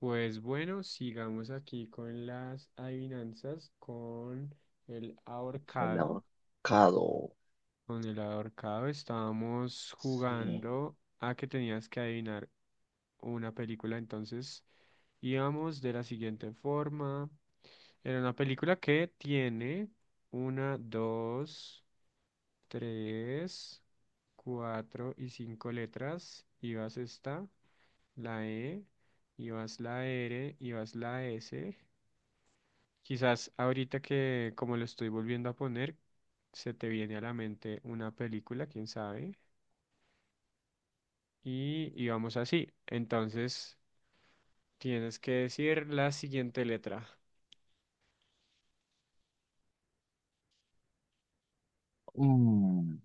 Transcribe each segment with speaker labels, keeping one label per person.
Speaker 1: Pues bueno, sigamos aquí con las adivinanzas, con el
Speaker 2: El
Speaker 1: ahorcado.
Speaker 2: ahorcado.
Speaker 1: Con el ahorcado estábamos
Speaker 2: Sí.
Speaker 1: jugando a que tenías que adivinar una película, entonces íbamos de la siguiente forma. Era una película que tiene una, dos, tres, cuatro y cinco letras. Ibas esta, la E, ibas la R, ibas la S. Quizás ahorita que como lo estoy volviendo a poner, se te viene a la mente una película, quién sabe, y vamos así. Entonces, tienes que decir la siguiente letra.
Speaker 2: Mm.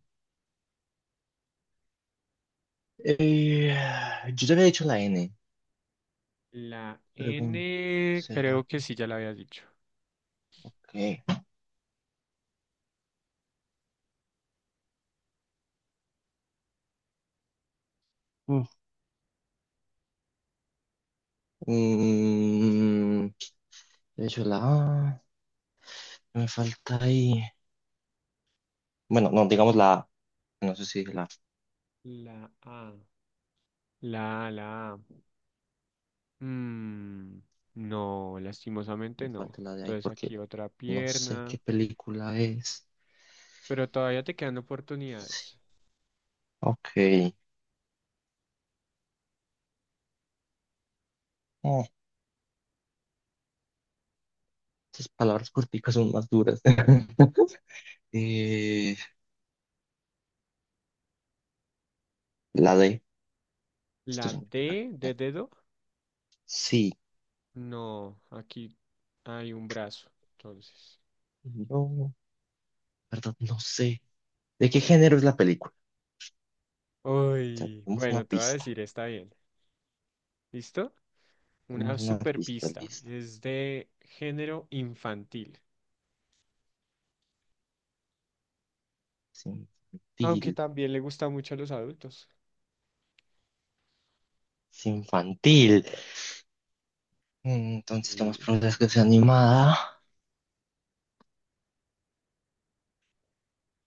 Speaker 2: Eh, yo te había dicho la N.
Speaker 1: La
Speaker 2: Pregunta.
Speaker 1: N, creo
Speaker 2: ¿Será
Speaker 1: que
Speaker 2: que
Speaker 1: sí ya la había dicho.
Speaker 2: qué? Mm. Mm, He hecho la A. Me falta ahí. Bueno, no, digamos la A. No sé si dije la A.
Speaker 1: La A, la A, la A. Mm, no, lastimosamente
Speaker 2: Me
Speaker 1: no.
Speaker 2: falta la de ahí
Speaker 1: Entonces
Speaker 2: porque
Speaker 1: aquí otra
Speaker 2: no sé qué
Speaker 1: pierna,
Speaker 2: película es.
Speaker 1: pero todavía te quedan oportunidades.
Speaker 2: Ok. Oh, esas palabras corticas son más duras. Eh, la D.
Speaker 1: La
Speaker 2: Esto es un que sale.
Speaker 1: D de dedo.
Speaker 2: Sí.
Speaker 1: No, aquí hay un brazo, entonces.
Speaker 2: No. Verdad, no sé. ¿De qué género es la película? O sea,
Speaker 1: Uy,
Speaker 2: tenemos una
Speaker 1: bueno, te voy a
Speaker 2: pista.
Speaker 1: decir, está bien. ¿Listo? Una
Speaker 2: Tenemos una
Speaker 1: super
Speaker 2: pista
Speaker 1: pista.
Speaker 2: lista.
Speaker 1: Es de género infantil.
Speaker 2: Es
Speaker 1: Aunque
Speaker 2: infantil.
Speaker 1: también le gusta mucho a los adultos.
Speaker 2: Es infantil. Entonces, lo más
Speaker 1: Sí,
Speaker 2: probable es que sea animada.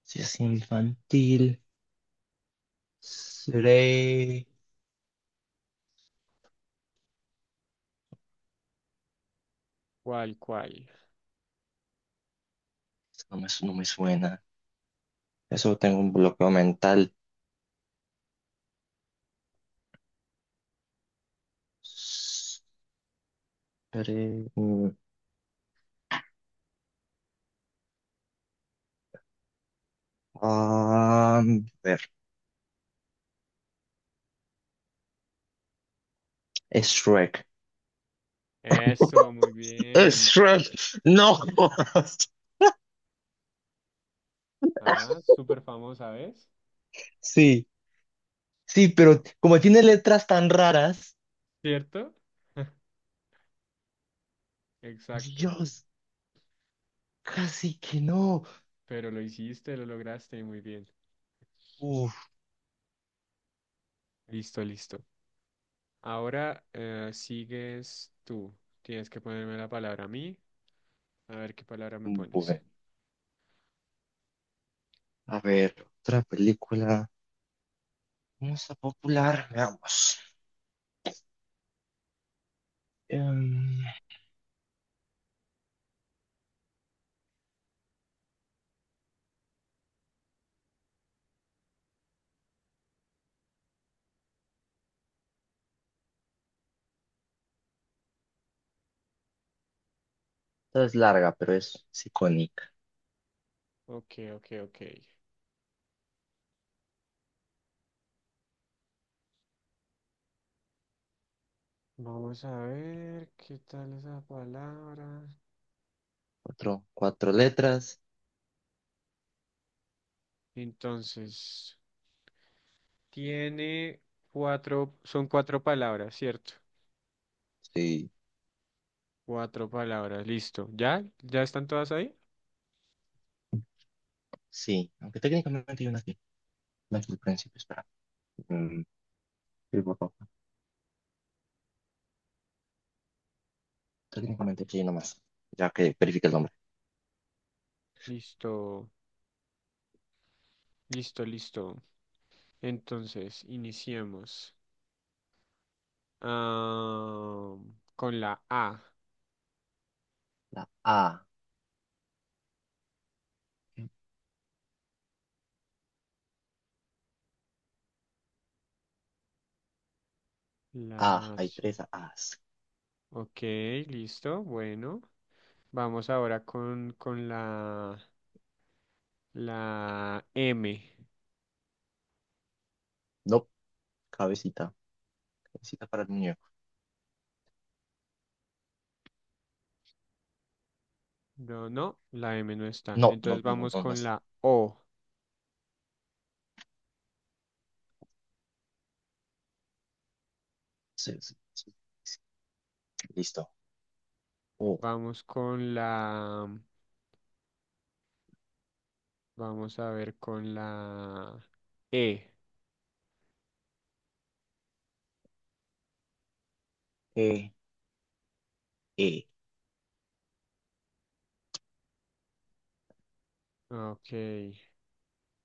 Speaker 2: Si es infantil, seré.
Speaker 1: cual, cual.
Speaker 2: No me, no me suena. Eso tengo un bloqueo mental. Seré. Ah, a ver, es Shrek.
Speaker 1: Eso, muy
Speaker 2: Es
Speaker 1: bien.
Speaker 2: Shrek. No. Jodas.
Speaker 1: Ah, súper famosa, ¿ves?
Speaker 2: Sí, sí, pero como tiene letras tan raras,
Speaker 1: ¿Cierto? Exacto.
Speaker 2: Dios, casi que no.
Speaker 1: Pero lo hiciste, lo lograste, muy bien.
Speaker 2: Uf,
Speaker 1: Listo, listo. Ahora sigues tú. Tienes que ponerme la palabra a mí. A ver qué palabra me pones.
Speaker 2: bueno, a ver, otra película. Vamos a popular, veamos. Em, Esta es larga, pero es icónica.
Speaker 1: Ok, ok, ok. Vamos a ver qué tal esa palabra.
Speaker 2: Cuatro, cuatro letras.
Speaker 1: Entonces, tiene cuatro, son cuatro palabras, ¿cierto?
Speaker 2: Sí,
Speaker 1: Cuatro palabras, listo. ¿Ya? ¿Ya están todas ahí?
Speaker 2: sí, aunque técnicamente hay una aquí. No es el principio, espera. Mm, sí, por favor. Técnicamente aquí hay una más, ya que verifique el nombre.
Speaker 1: Listo, listo, listo. Entonces, iniciemos. Ah, con la A.
Speaker 2: La A. A,
Speaker 1: La A,
Speaker 2: hay
Speaker 1: sí.
Speaker 2: tres A's.
Speaker 1: Ok, listo. Bueno, vamos ahora con la M.
Speaker 2: No, cabecita. Cabecita para el muñeco.
Speaker 1: No, no, la M no está.
Speaker 2: No, no,
Speaker 1: Entonces
Speaker 2: no,
Speaker 1: vamos
Speaker 2: no, no
Speaker 1: con
Speaker 2: está.
Speaker 1: la O.
Speaker 2: Sí, sí, sí. Listo. Oh,
Speaker 1: Vamos con vamos a ver con la E.
Speaker 2: E, E,
Speaker 1: Ok,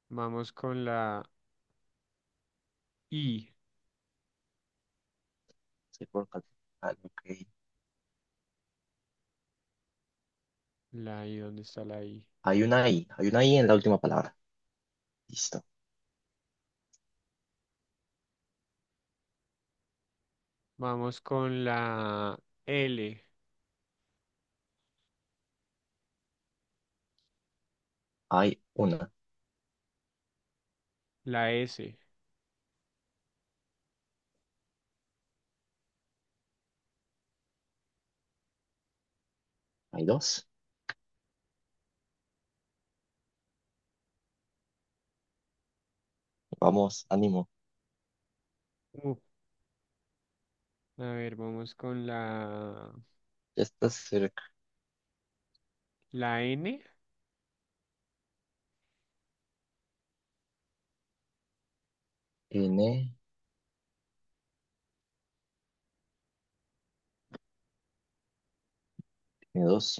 Speaker 1: vamos con la I.
Speaker 2: sí, ah, ok.
Speaker 1: La I, ¿dónde está la I?
Speaker 2: Hay una I en la última palabra. Listo.
Speaker 1: Vamos con la L,
Speaker 2: Hay una,
Speaker 1: la S.
Speaker 2: hay dos. Vamos, ánimo.
Speaker 1: Uh, a ver, vamos con
Speaker 2: Ya está cerca.
Speaker 1: la N.
Speaker 2: N, n dos.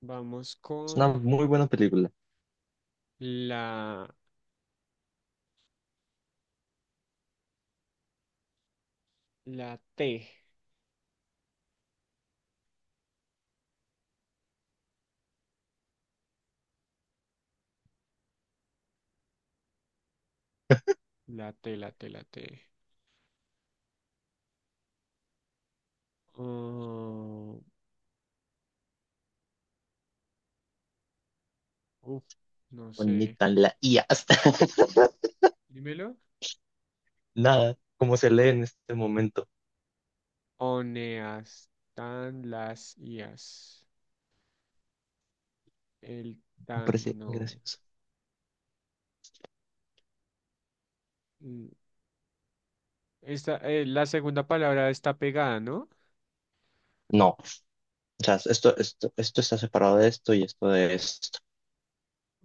Speaker 1: Vamos
Speaker 2: Es una
Speaker 1: con
Speaker 2: muy buena película.
Speaker 1: La, la T, la T, la T, la T. Oh, uf, no sé.
Speaker 2: Bonita la I hasta.
Speaker 1: Dímelo.
Speaker 2: Nada, como se lee en este momento.
Speaker 1: Oneastan las ias. El
Speaker 2: Me parece
Speaker 1: tan,
Speaker 2: muy
Speaker 1: no.
Speaker 2: gracioso.
Speaker 1: Mm, esta, la segunda palabra está pegada, ¿no?
Speaker 2: No, o sea, esto está separado de esto y esto de esto.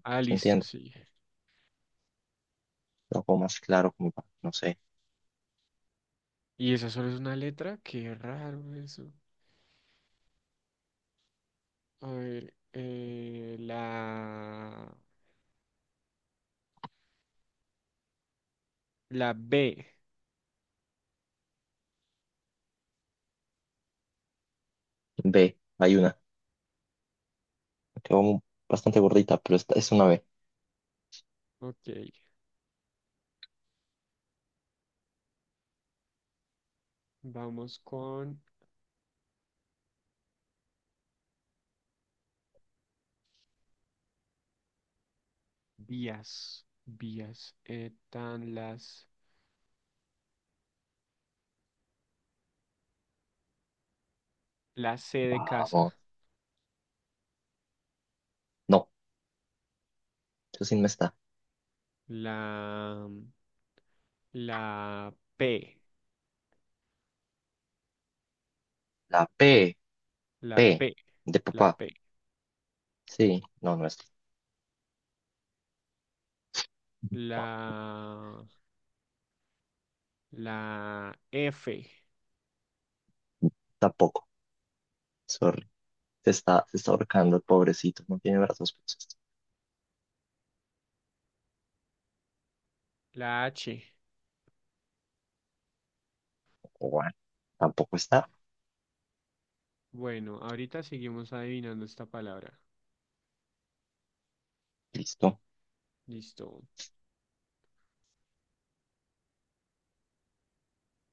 Speaker 1: Ah,
Speaker 2: ¿Se
Speaker 1: listo,
Speaker 2: entiende?
Speaker 1: sí.
Speaker 2: Lo hago más claro, como para, no sé.
Speaker 1: ¿Y esa solo es una letra? Qué raro eso. A ver, la B.
Speaker 2: B, hay una. Quedó bastante gordita, pero esta es una B.
Speaker 1: Ok, vamos con vías, vías, están las, la C de casa,
Speaker 2: Vamos. No. Eso sí no está.
Speaker 1: la, la P,
Speaker 2: La P,
Speaker 1: la
Speaker 2: P,
Speaker 1: P,
Speaker 2: de
Speaker 1: la
Speaker 2: papá.
Speaker 1: P,
Speaker 2: Sí, no, no está.
Speaker 1: la, la F,
Speaker 2: Tampoco. Sorry. Se está ahorcando el pobrecito. No tiene brazos. Pues,
Speaker 1: la H.
Speaker 2: bueno, tampoco está.
Speaker 1: Bueno, ahorita seguimos adivinando esta palabra.
Speaker 2: Listo.
Speaker 1: Listo.